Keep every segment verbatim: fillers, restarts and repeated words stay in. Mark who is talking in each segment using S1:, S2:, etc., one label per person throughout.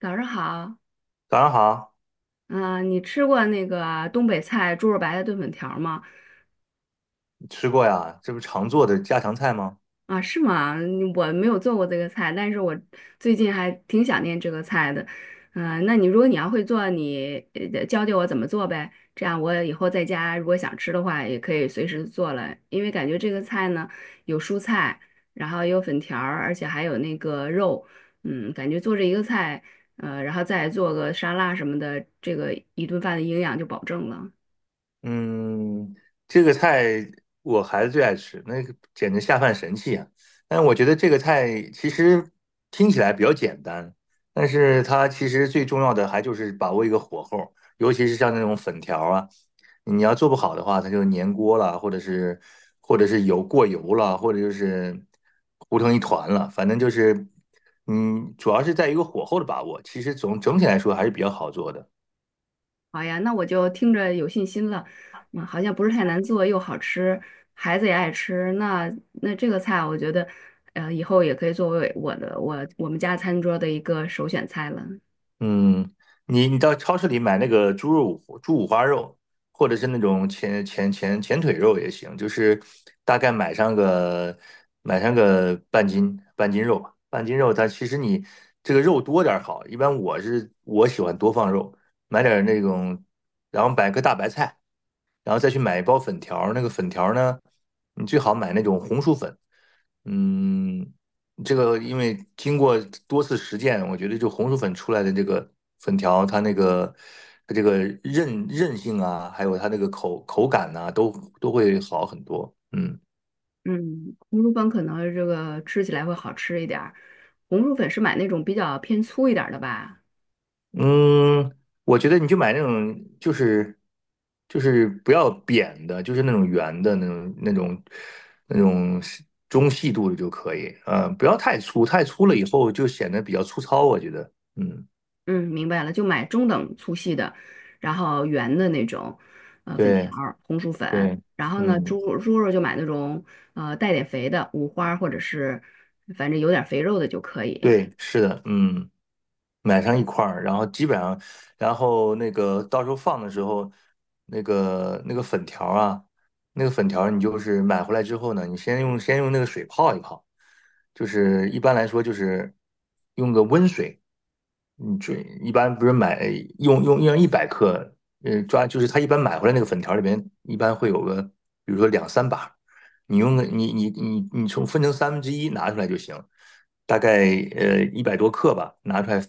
S1: 早上好，
S2: 早上好，
S1: 嗯、你吃过那个东北菜猪肉白菜炖粉条吗？
S2: 你吃过呀？这不是常做的家常菜吗？
S1: 啊，是吗？嗯我没有做过这个菜，但是我最近还挺想念这个菜的。嗯、那你如果你要会做，你呃教教我怎么做呗，这样我以后在家如果想吃的话，也可以随时做了。因为感觉这个菜呢，有蔬菜，然后有粉条儿，而且还有那个肉，嗯，感觉做这一个菜，呃，然后再做个沙拉什么的，这个一顿饭的营养就保证了。
S2: 嗯，这个菜我孩子最爱吃，那个简直下饭神器啊！但我觉得这个菜其实听起来比较简单，但是它其实最重要的还就是把握一个火候，尤其是像那种粉条啊，你要做不好的话，它就粘锅了，或者是或者是油过油了，或者就是糊成一团了，反正就是，嗯，主要是在一个火候的把握，其实总整体来说还是比较好做的。
S1: 好呀，那我就听着有信心了。嗯，好像不是太难做，又好吃，孩子也爱吃。那那这个菜啊，我觉得，呃，以后也可以作为我的我我们家餐桌的一个首选菜了。
S2: 嗯，你你到超市里买那个猪肉、猪五花肉，或者是那种前前前前腿肉也行，就是大概买上个买上个半斤半斤肉吧。半斤肉它其实你这个肉多点儿好，一般我是我喜欢多放肉，买点儿那种，然后买个大白菜，然后再去买一包粉条儿，那个粉条儿呢，你最好买那种红薯粉。嗯，这个因为经过多次实践，我觉得就红薯粉出来的这个粉条，它那个它这个韧韧性啊，还有它那个口口感呐、都都会好很多。嗯。
S1: 嗯，红薯粉可能这个吃起来会好吃一点儿。红薯粉是买那种比较偏粗一点儿的吧？
S2: 嗯，我觉得你就买那种，就是就是不要扁的，就是那种圆的那种那种那种中细度的就可以，呃，不要太粗，太粗了以后就显得比较粗糙，我觉得，嗯，
S1: 嗯，明白了，就买中等粗细的，然后圆的那种，呃，粉条
S2: 对
S1: 儿红薯粉。
S2: 对，
S1: 然后呢，
S2: 嗯，
S1: 猪肉猪肉就买那种，呃，带点肥的，五花或者是反正有点肥肉的就可以。
S2: 对，是的，嗯。买上一块儿，然后基本上，然后那个到时候放的时候，那个那个粉条儿啊，那个粉条儿你就是买回来之后呢，你先用先用那个水泡一泡，就是一般来说就是用个温水，你准一般不是买用用用一百克，呃，抓就是他一般买回来那个粉条里边一般会有个，比如说两三把，你用个你你你你从分成三分之一拿出来就行，大概呃一百多克吧，拿出来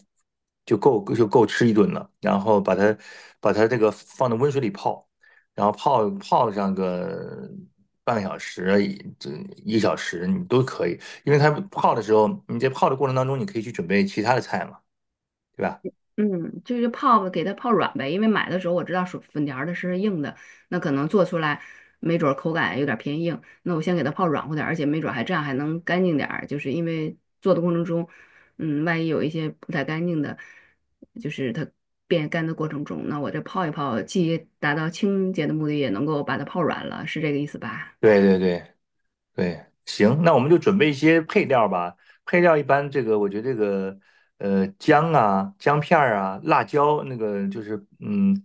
S2: 就够就够吃一顿了。然后把它把它这个放到温水里泡，然后泡泡上个半个小时，一这一个小时你都可以，因为它泡的时候，你在泡的过程当中，你可以去准备其他的菜嘛。对吧？
S1: 嗯，就是泡给它泡软呗，因为买的时候我知道薯粉条儿的是硬的，那可能做出来没准儿口感有点儿偏硬，那我先给它泡软乎点儿，而且没准儿还这样还能干净点儿，就是因为做的过程中，嗯，万一有一些不太干净的，就是它变干的过程中，那我这泡一泡，既达到清洁的目的，也能够把它泡软了，是这个意思吧？
S2: 对对对对，行，那我们就准备一些配料吧。配料一般，这个我觉得这个呃姜啊、姜片儿啊、辣椒，那个就是嗯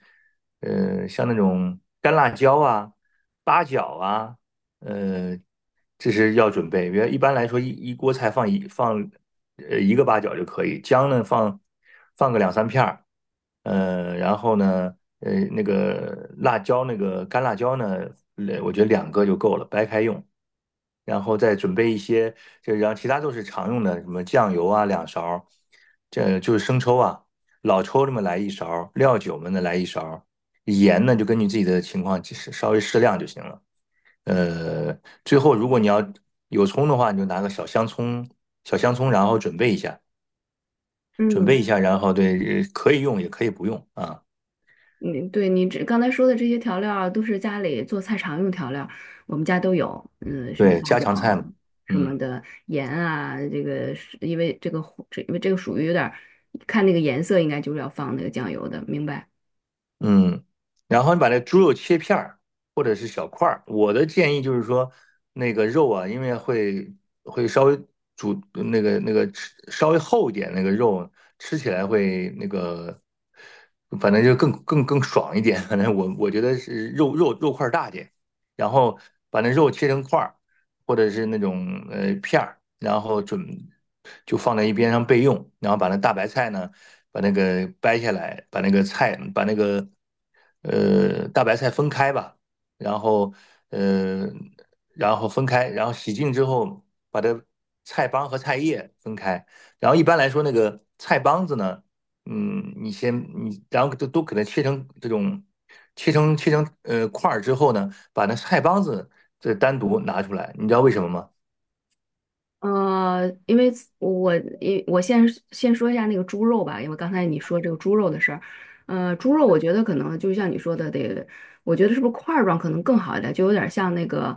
S2: 呃像那种干辣椒啊、八角啊、呃这是要准备，因为一般来说一一锅菜放一放呃一个八角就可以，姜呢放放个两三片儿，呃，然后呢呃那个辣椒那个干辣椒呢，呃我觉得两个就够了，掰开用，然后再准备一些，就然后其他都是常用的，什么酱油啊两勺儿这就是生抽啊，老抽这么来一勺儿料酒们呢来一勺儿盐呢就根据自己的情况稍微适量就行了。呃，最后如果你要有葱的话，你就拿个小香葱，小香葱，然后准备一下，准
S1: 嗯。
S2: 备一下，然后对，呃可以用也可以不用啊。
S1: 你对你这刚才说的这些调料啊，都是家里做菜常用调料我们家都有，嗯，什么
S2: 对，
S1: 八
S2: 家
S1: 角
S2: 常
S1: 啊
S2: 菜嘛，
S1: 什
S2: 嗯。
S1: 么的盐啊，这个是因为这个火这因为这个属于有点儿看那个颜色，应该就是要放那个酱油的，明白？
S2: 嗯，然后你把那猪肉切片儿或者是小块儿。我的建议就是说，那个肉啊，因为会会稍微煮那个那个吃稍微厚一点，那个肉吃起来会那个，反正就更更更爽一点。反正我我觉得是肉肉肉块儿大点，然后把那肉切成块儿。或者是那种呃片儿，然后准就放在一边上备用，然后把那大白菜呢，把那个掰下来，把那个菜把那个呃大白菜分开吧，然后呃然后分开，然后洗净之后把这菜帮和菜叶分开，然后一般来说那个菜帮子呢。嗯，你先你，然后都都给它切成这种，切成切成呃块儿之后呢，把那菜帮子这单独拿出来，你知道为什么吗？
S1: 呃，因为我因我先先说一下那个猪肉吧，因为刚才你说这个猪肉的事儿，呃，猪肉我觉得可能就像你说的，得，我觉得是不是块儿状可能更好一点，就有点像那个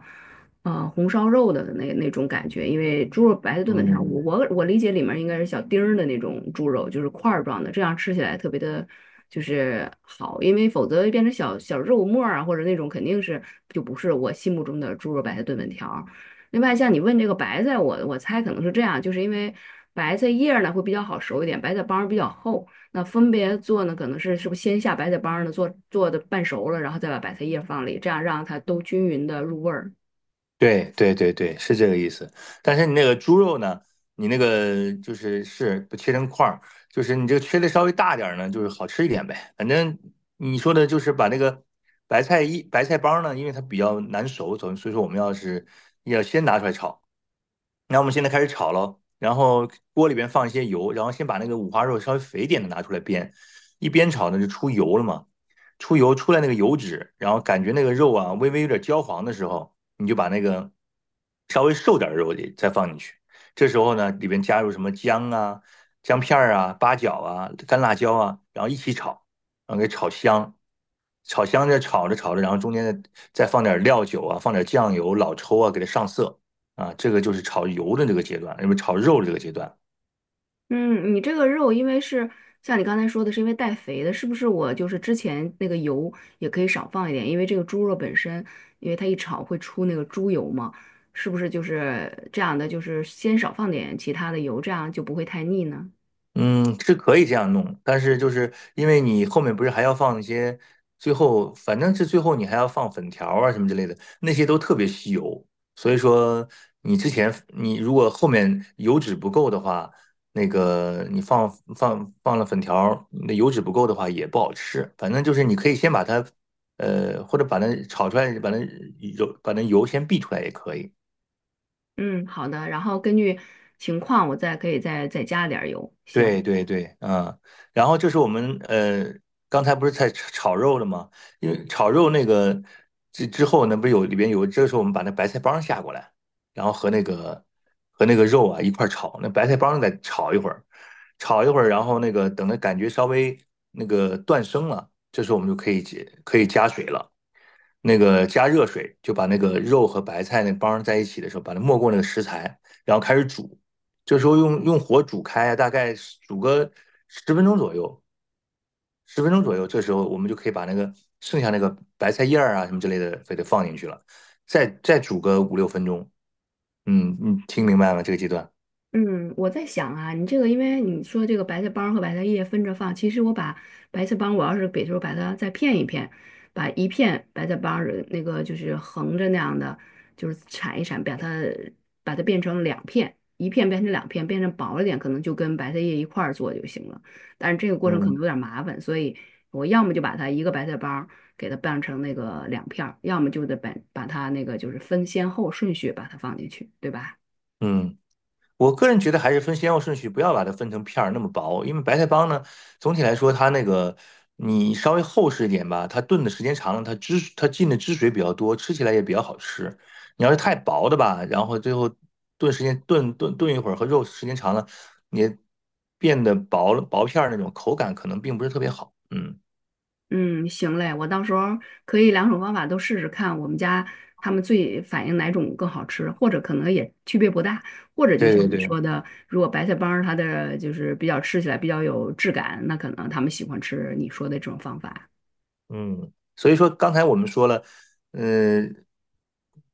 S1: 呃红烧肉的那那种感觉，因为猪肉白菜炖粉条，我
S2: 嗯，
S1: 我我理解里面应该是小丁儿的那种猪肉，就是块儿状的，这样吃起来特别的。就是好，因为否则变成小小肉末儿啊，或者那种肯定是就不是我心目中的猪肉白菜炖粉条儿。另外，像你问这个白菜，我我猜可能是这样，就是因为白菜叶儿呢会比较好熟一点，白菜帮儿比较厚。那分别做呢，可能是是不是先下白菜帮儿呢做做的半熟了，然后再把白菜叶放里，这样让它都均匀的入味儿。
S2: 对对对对，是这个意思。但是你那个猪肉呢，你那个就是是不切成块儿，就是你这个切的稍微大点儿呢，就是好吃一点呗。反正你说的就是把那个白菜一白菜帮呢，因为它比较难熟，所以所以说我们要是要先拿出来炒。那我们现在开始炒喽，然后锅里边放一些油，然后先把那个五花肉稍微肥一点的拿出来煸，一煸炒呢就出油了嘛，出油出来那个油脂，然后感觉那个肉啊微微有点焦黄的时候，你就把那个稍微瘦点儿的肉也再放进去，这时候呢里边加入什么姜啊、姜片儿啊、八角啊、干辣椒啊，然后一起炒，然后给炒香。炒香着炒着炒着，然后中间再再放点料酒啊，放点酱油、老抽啊，给它上色。啊，这个就是炒油的这个阶段，因为炒肉的这个阶段，
S1: 嗯，你这个肉因为是像你刚才说的，是因为带肥的，是不是我就是之前那个油也可以少放一点，因为这个猪肉本身，因为它一炒会出那个猪油嘛，是不是就是这样的，就是先少放点其他的油，这样就不会太腻呢？
S2: 嗯，是可以这样弄，但是就是因为你后面不是还要放一些，最后反正是最后你还要放粉条啊什么之类的，那些都特别吸油，所以说你之前你如果后面油脂不够的话，那个你放放放了粉条，那油脂不够的话也不好吃，反正就是你可以先把它，呃，或者把它炒出来，把那油把那油先避出来也可以。
S1: 嗯，好的，然后根据情况我再可以再再加点儿油。
S2: 对
S1: 行，
S2: 对对，嗯，然后就是我们呃，刚才不是在炒炒肉了吗？因为炒肉那个之之后那不是有里边有，这个时候我们把那白菜帮下过来，然后和那个和那个肉啊一块儿炒，那白菜帮再炒一会儿，炒一会儿，然后那个等它感觉稍微那个断生了，这时候我们就可以解可以加水了。那个加热水，就把那个肉和白菜那帮在一起的时候，把它没过那个食材，然后开始煮。这时候用用火煮开啊，大概煮个十分钟左右，十分钟左右，这时候我们就可以把那个剩下那个白菜叶儿啊什么之类的，非得放进去了，再再煮个五六分钟。嗯，嗯，听明白吗？这个阶段？
S1: 嗯，我在想啊，你这个，因为你说这个白菜帮和白菜叶分着放，其实我把白菜帮，我要是比如说把它再片一片，把一片白菜帮儿那个就是横着那样的，就是铲一铲，把它把它变成两片，一片变成两片，变成薄了点，可能就跟白菜叶一块儿做就行了。但是这个过程可能
S2: 嗯，
S1: 有点儿麻烦，所以我要么就把它一个白菜帮儿给它拌成那个两片儿，要么就得把把它那个就是分先后顺序把它放进去，对吧？
S2: 嗯。我个人觉得还是分先后顺序，不要把它分成片儿那么薄，因为白菜帮呢，总体来说它那个你稍微厚实一点吧，它炖的时间长了，它汁它进的汁水比较多，吃起来也比较好吃。你要是太薄的吧，然后最后炖时间炖炖炖一会儿和肉时间长了，也变得薄了薄片儿那种口感可能并不是特别好。嗯，
S1: 嗯，行嘞，我到时候可以两种方法都试试看，我们家他们最反映哪种更好吃，或者可能也区别不大，或者就
S2: 对
S1: 像
S2: 对
S1: 你说
S2: 对。
S1: 的，如果白菜帮儿它的就是比较吃起来比较有质感，那可能他们喜欢吃你说的这种方法。
S2: 嗯，所以说刚才我们说了，嗯，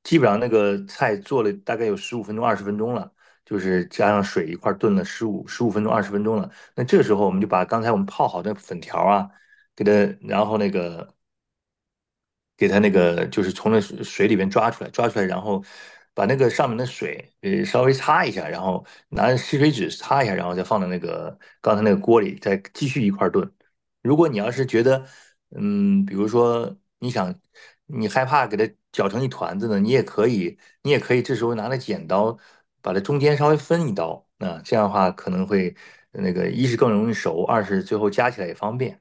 S2: 基本上那个菜做了大概有十五分钟、二十分钟了，就是加上水一块儿炖了十五十五分钟、二十分钟了。那这时候我们就把刚才我们泡好的粉条啊，给它，然后那个给它那个就是从那水水里边抓出来，抓出来，然后把那个上面的水呃稍微擦一下，然后拿吸水纸擦一下，然后再放到那个刚才那个锅里，再继续一块儿炖。如果你要是觉得，嗯，比如说你想你害怕给它搅成一团子呢，你也可以，你也可以这时候拿着剪刀把它中间稍微分一刀，那这样的话可能会那个一是更容易熟，二是最后加起来也方便。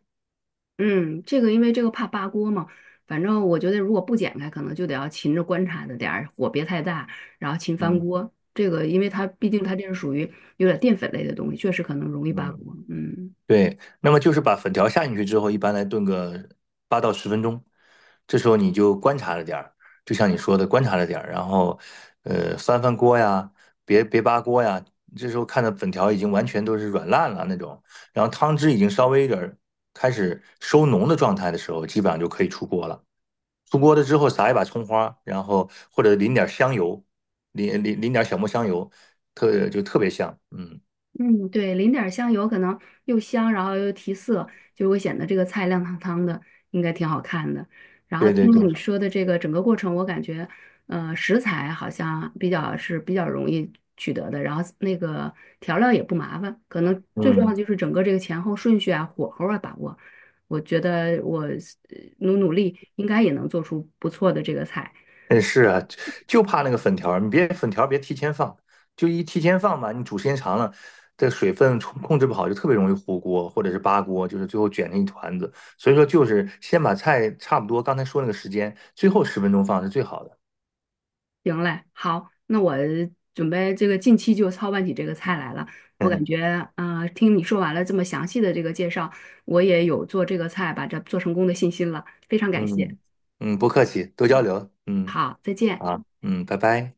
S1: 嗯，这个因为这个怕扒锅嘛，反正我觉得如果不剪开，可能就得要勤着观察着点儿，火别太大，然后勤翻
S2: 嗯
S1: 锅。这个因为它毕竟它这是属于有点淀粉类的东西，确实可能容易扒
S2: 嗯。
S1: 锅。嗯。
S2: 对，那么就是把粉条下进去之后，一般来炖个八到十分钟，这时候你就观察着点儿，就像你说的观察着点儿，然后呃翻翻锅呀，别别扒锅呀，这时候看到粉条已经完全都是软烂了那种，然后汤汁已经稍微有点儿开始收浓的状态的时候，基本上就可以出锅了。出锅了之后撒一把葱花，然后或者淋点儿香油，淋淋淋点儿小磨香油，特就特别香。嗯，
S1: 嗯，对，淋点儿香油，可能又香，然后又提色，就会显得这个菜亮堂堂的，应该挺好看的。然后
S2: 对对
S1: 听了
S2: 对，
S1: 你说的这个整个过程，我感觉，呃，食材好像比较是比较容易取得的，然后那个调料也不麻烦，可能最重要
S2: 嗯。
S1: 的就是整个这个前后顺序啊、火候啊把握。我觉得我呃努努力，应该也能做出不错的这个菜。
S2: 哎，是啊，就就怕那个粉条儿，你别粉条儿别提前放，就一提前放吧，你煮时间长了，这水分控控制不好，就特别容易糊锅或者是扒锅，就是最后卷成一团子。所以说，就是先把菜差不多刚才说那个时间，最后十分钟放是最好的。
S1: 行嘞，好，那我准备这个近期就操办起这个菜来了。我感 觉，呃，听你说完了这么详细的这个介绍，我也有做这个菜把这做成功的信心了，非常感谢。
S2: 嗯嗯，不客气，多交流。嗯，
S1: 好，再见。
S2: 好，嗯，拜拜。